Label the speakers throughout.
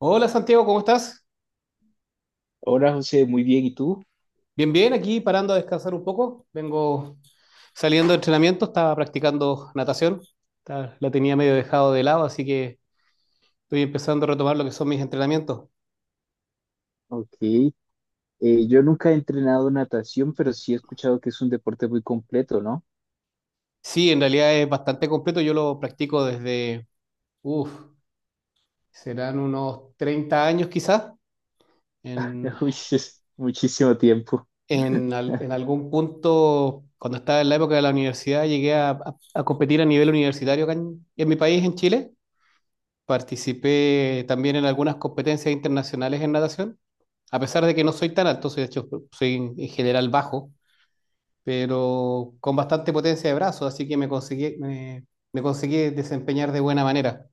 Speaker 1: Hola Santiago, ¿cómo estás?
Speaker 2: Hola José, muy bien, ¿y tú?
Speaker 1: Bien, bien, aquí parando a descansar un poco. Vengo saliendo de entrenamiento, estaba practicando natación. La tenía medio dejado de lado, así que estoy empezando a retomar lo que son mis entrenamientos.
Speaker 2: Ok, yo nunca he entrenado natación, pero sí he escuchado que es un deporte muy completo, ¿no?
Speaker 1: Sí, en realidad es bastante completo. Yo lo practico desde, uff, serán unos 30 años quizás. En,
Speaker 2: Uy, es muchísimo tiempo.
Speaker 1: en al- en algún punto, cuando estaba en la época de la universidad, llegué a competir a nivel universitario acá en mi país, en Chile. Participé también en algunas competencias internacionales en natación, a pesar de que no soy tan alto, soy, de hecho, soy en general bajo, pero con bastante potencia de brazos, así que me conseguí desempeñar de buena manera.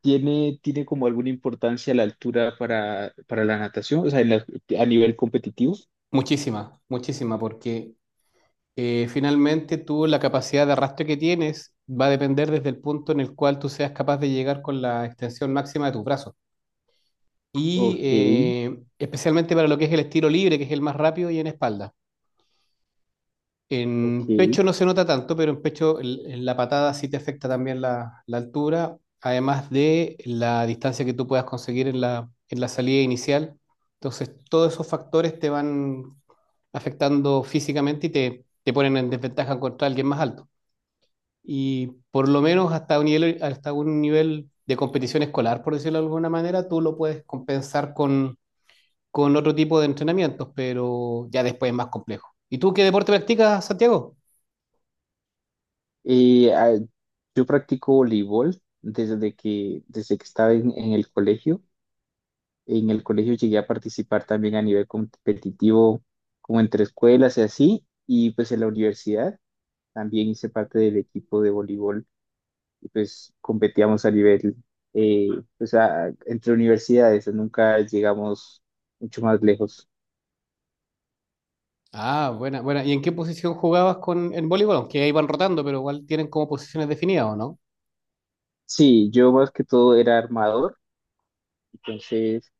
Speaker 2: ¿Tiene como alguna importancia la altura para la natación? O sea, a nivel competitivo.
Speaker 1: Muchísima, muchísima, porque finalmente tú la capacidad de arrastre que tienes va a depender desde el punto en el cual tú seas capaz de llegar con la extensión máxima de tus brazos. Y
Speaker 2: Ok,
Speaker 1: especialmente para lo que es el estilo libre, que es el más rápido y en espalda.
Speaker 2: ok.
Speaker 1: En pecho no se nota tanto, pero en pecho en la patada sí te afecta también la altura, además de la distancia que tú puedas conseguir en la salida inicial. Entonces, todos esos factores te van afectando físicamente y te ponen en desventaja contra alguien más alto. Y por lo menos hasta un nivel de competición escolar, por decirlo de alguna manera, tú lo puedes compensar con otro tipo de entrenamientos, pero ya después es más complejo. ¿Y tú qué deporte practicas, Santiago?
Speaker 2: Eh, ah, yo practico voleibol desde que estaba en el colegio. En el colegio llegué a participar también a nivel competitivo, como entre escuelas y así, y pues en la universidad también hice parte del equipo de voleibol y pues competíamos a nivel, eh, pues entre universidades, nunca llegamos mucho más lejos.
Speaker 1: Ah, buena, buena. ¿Y en qué posición jugabas con en voleibol? Aunque ahí van rotando, pero igual tienen como posiciones definidas, ¿o no?
Speaker 2: Sí, yo más que todo era armador, entonces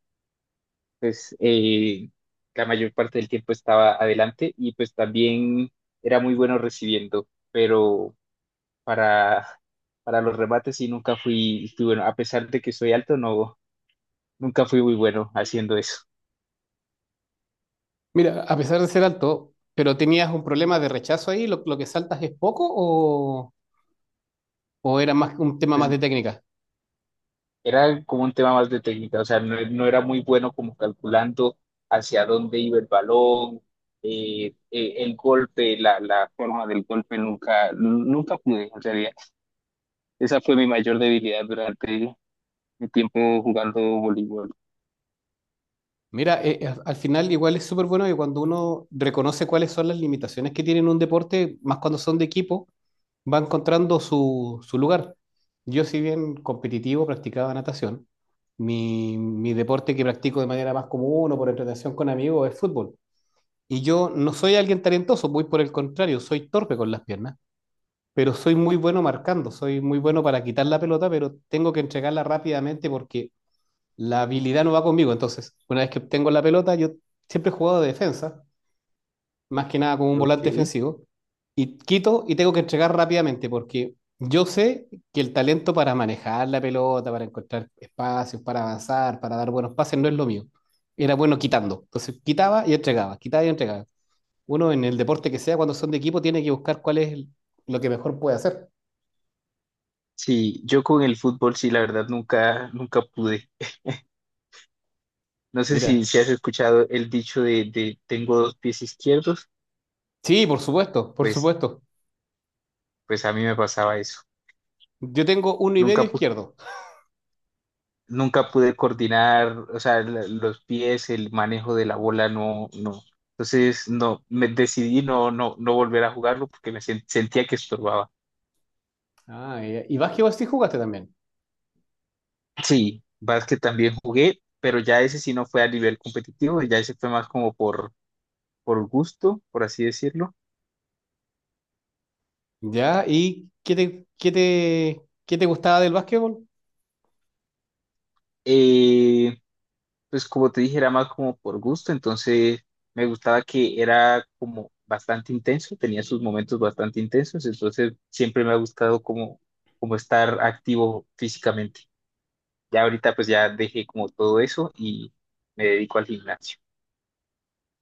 Speaker 2: pues la mayor parte del tiempo estaba adelante y pues también era muy bueno recibiendo, pero para, para los remates y nunca fui bueno. A pesar de que soy alto, no, nunca fui muy bueno haciendo eso.
Speaker 1: Mira, a pesar de ser alto, pero tenías un problema de rechazo ahí, lo que saltas es poco o era más un tema más
Speaker 2: Pues
Speaker 1: de técnica.
Speaker 2: era como un tema más de técnica, o sea, no, no era muy bueno como calculando hacia dónde iba el balón, el golpe, la forma del golpe, nunca pude, en realidad. Esa fue mi mayor debilidad durante mi tiempo jugando voleibol.
Speaker 1: Mira, al final igual es súper bueno que cuando uno reconoce cuáles son las limitaciones que tiene en un deporte, más cuando son de equipo, va encontrando su lugar. Yo, si bien competitivo, practicaba natación. Mi deporte que practico de manera más común o por entretención con amigos es fútbol. Y yo no soy alguien talentoso, muy por el contrario, soy torpe con las piernas, pero soy muy bueno marcando, soy muy bueno para quitar la pelota, pero tengo que entregarla rápidamente porque la habilidad no va conmigo. Entonces, una vez que obtengo la pelota, yo siempre he jugado de defensa más que nada como un volante
Speaker 2: Ok.
Speaker 1: defensivo, y quito y tengo que entregar rápidamente, porque yo sé que el talento para manejar la pelota, para encontrar espacios, para avanzar, para dar buenos pases, no es lo mío. Era bueno quitando. Entonces quitaba y entregaba, quitaba y entregaba. Uno en el deporte que sea, cuando son de equipo, tiene que buscar cuál es lo que mejor puede hacer.
Speaker 2: Sí, yo con el fútbol sí, la verdad nunca pude. No sé
Speaker 1: Mira.
Speaker 2: si has escuchado el dicho de tengo dos pies izquierdos,
Speaker 1: Sí, por supuesto, por
Speaker 2: pues,
Speaker 1: supuesto.
Speaker 2: pues a mí me pasaba eso.
Speaker 1: Yo tengo uno y
Speaker 2: Nunca,
Speaker 1: medio
Speaker 2: pu-
Speaker 1: izquierdo.
Speaker 2: Nunca pude coordinar, o sea, los pies, el manejo de la bola, no, no. Entonces, no, me decidí no, no, no volver a jugarlo porque me sentía que estorbaba.
Speaker 1: Ah, ya. Y básquetbol sí jugaste también.
Speaker 2: Sí, básquet también jugué, pero ya ese sí no fue a nivel competitivo, ya ese fue más como por gusto, por así decirlo.
Speaker 1: Ya, ¿y qué te gustaba del básquetbol?
Speaker 2: Eh, Pues como te dije, era más como por gusto, entonces me gustaba que era como bastante intenso, tenía sus momentos bastante intensos, entonces siempre me ha gustado como, como estar activo físicamente. Ya ahorita pues ya dejé como todo eso y me dedico al gimnasio.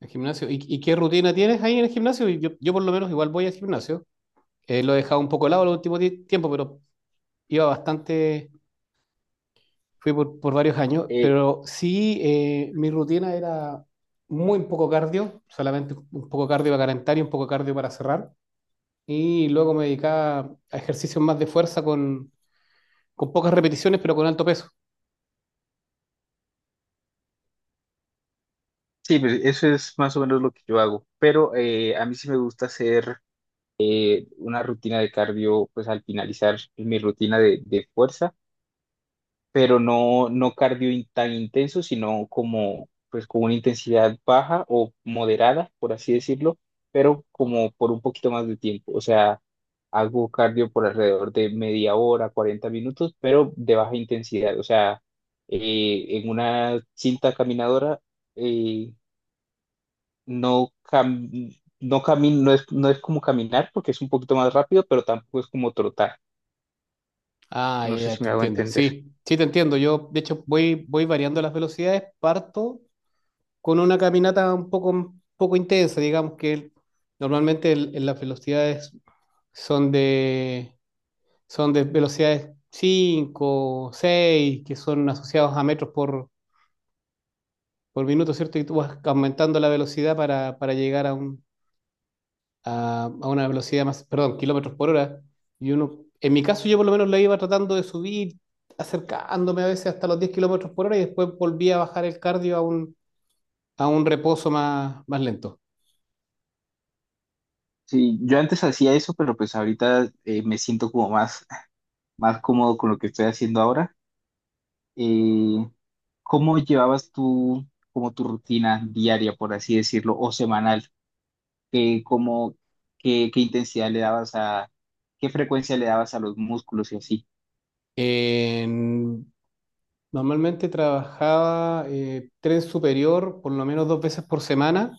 Speaker 1: El gimnasio. ¿Y qué rutina tienes ahí en el gimnasio? Yo por lo menos igual voy al gimnasio. Lo he dejado un poco de lado el último tiempo, pero iba bastante, fui por varios años.
Speaker 2: Eh,
Speaker 1: Pero sí, mi rutina era muy poco cardio, solamente un poco cardio para calentar y un poco cardio para cerrar. Y luego me dedicaba a ejercicios más de fuerza con pocas repeticiones, pero con alto peso.
Speaker 2: sí, pues eso es más o menos lo que yo hago, pero a mí sí me gusta hacer una rutina de cardio pues al finalizar mi rutina de fuerza. Pero no, no cardio tan intenso, sino como pues con una intensidad baja o moderada, por así decirlo, pero como por un poquito más de tiempo. O sea, hago cardio por alrededor de media hora, 40 minutos, pero de baja intensidad. O sea, en una cinta caminadora eh, no es, no es como caminar porque es un poquito más rápido, pero tampoco es como trotar.
Speaker 1: Ah,
Speaker 2: No sé
Speaker 1: ya,
Speaker 2: si
Speaker 1: te
Speaker 2: me hago
Speaker 1: entiendo.
Speaker 2: entender.
Speaker 1: Sí, sí, te entiendo. Yo, de hecho, voy variando las velocidades, parto con una caminata un poco intensa, digamos que normalmente en las velocidades son de, son de velocidades 5 6 que son asociados a metros por minuto, ¿cierto? Y tú vas aumentando la velocidad para llegar a una velocidad más, perdón, kilómetros por hora. Y uno, en mi caso yo por lo menos la iba tratando de subir, acercándome a veces hasta los 10 kilómetros por hora y después volvía a bajar el cardio a un reposo más lento.
Speaker 2: Sí, yo antes hacía eso, pero pues ahorita me siento más cómodo con lo que estoy haciendo ahora. Eh, ¿Cómo llevabas tú como tu rutina diaria, por así decirlo, o semanal? ¿Qué, cómo, qué, qué intensidad le dabas a, qué frecuencia le dabas a los músculos y así?
Speaker 1: En- Normalmente trabajaba tren superior por lo menos 2 veces por semana.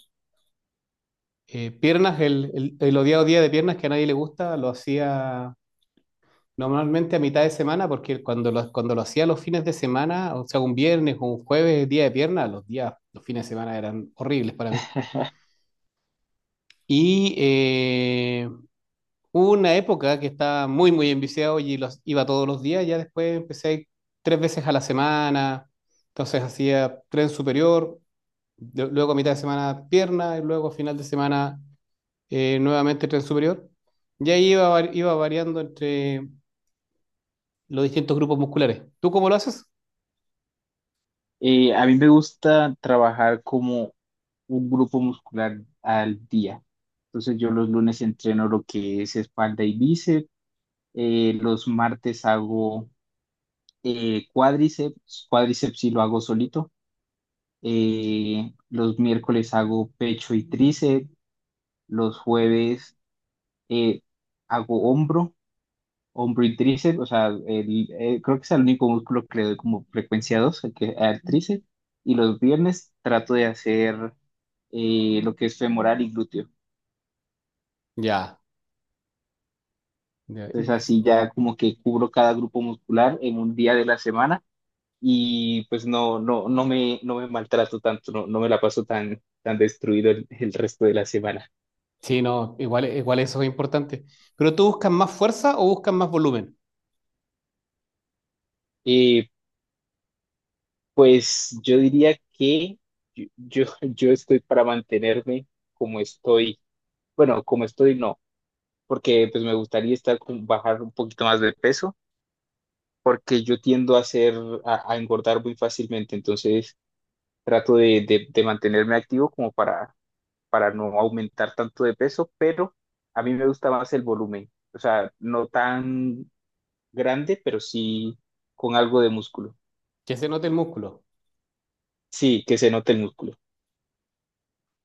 Speaker 1: Piernas, el odiado día de piernas que a nadie le gusta, lo hacía normalmente a mitad de semana, porque cuando lo hacía los fines de semana, o sea, un viernes o un jueves, día de piernas, los fines de semana eran horribles para mí. Y hubo una época que estaba muy, muy enviciado y los iba todos los días. Ya después empecé a ir 3 veces a la semana. Entonces hacía tren superior, luego a mitad de semana pierna y luego a final de semana nuevamente tren superior. Y ahí iba variando entre los distintos grupos musculares. ¿Tú cómo lo haces?
Speaker 2: A mí me gusta trabajar como un grupo muscular al día. Entonces yo los lunes entreno lo que es espalda y bíceps, los martes hago cuádriceps sí lo hago solito. Los miércoles hago pecho y tríceps. Los jueves eh, hago hombro y tríceps. O sea, creo que es el único músculo que le doy como frecuencia 2 al tríceps. Y los viernes trato de hacer lo que es femoral y glúteo.
Speaker 1: Ya. Ya.
Speaker 2: Entonces
Speaker 1: Y-
Speaker 2: así ya como que cubro cada grupo muscular en un día de la semana y pues no me, no me maltrato tanto, no me la paso tan destruido el resto de la semana.
Speaker 1: sí, no, igual eso es importante. ¿Pero tú buscas más fuerza o buscas más volumen?
Speaker 2: Eh, pues yo diría que yo estoy para mantenerme como estoy, bueno, como estoy no, porque pues me gustaría estar con, bajar un poquito más de peso, porque yo tiendo a a engordar muy fácilmente, entonces trato de mantenerme activo como para no aumentar tanto de peso, pero a mí me gusta más el volumen, o sea, no tan grande, pero sí con algo de músculo.
Speaker 1: Que se note el músculo.
Speaker 2: Sí, que se note el músculo.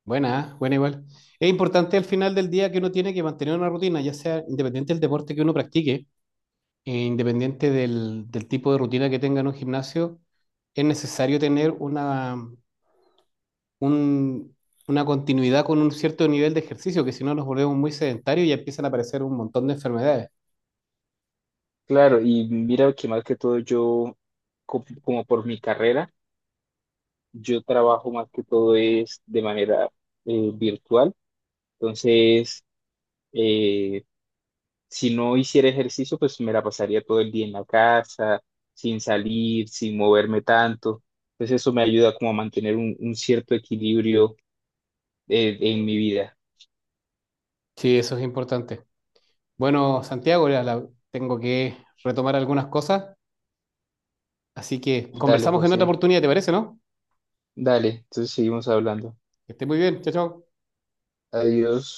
Speaker 1: Buena, ¿eh? Buena igual. Es importante al final del día que uno tiene que mantener una rutina, ya sea independiente del deporte que uno practique, e independiente del tipo de rutina que tenga en un gimnasio, es necesario tener un- una continuidad con un cierto nivel de ejercicio, que si no nos volvemos muy sedentarios y empiezan a aparecer un montón de enfermedades.
Speaker 2: Claro, y mira que más que todo yo, como por mi carrera, yo trabajo más que todo es de manera virtual, entonces... eh, si no hiciera ejercicio, pues me la pasaría todo el día en la casa, sin salir, sin moverme tanto. Pues eso me ayuda como a mantener un cierto equilibrio en mi vida.
Speaker 1: Sí, eso es importante. Bueno, Santiago, ya tengo que retomar algunas cosas, así que
Speaker 2: Dale,
Speaker 1: conversamos en otra
Speaker 2: José,
Speaker 1: oportunidad, ¿te parece, no?
Speaker 2: dale, entonces seguimos hablando.
Speaker 1: Que esté muy bien, chao, chao.
Speaker 2: Adiós.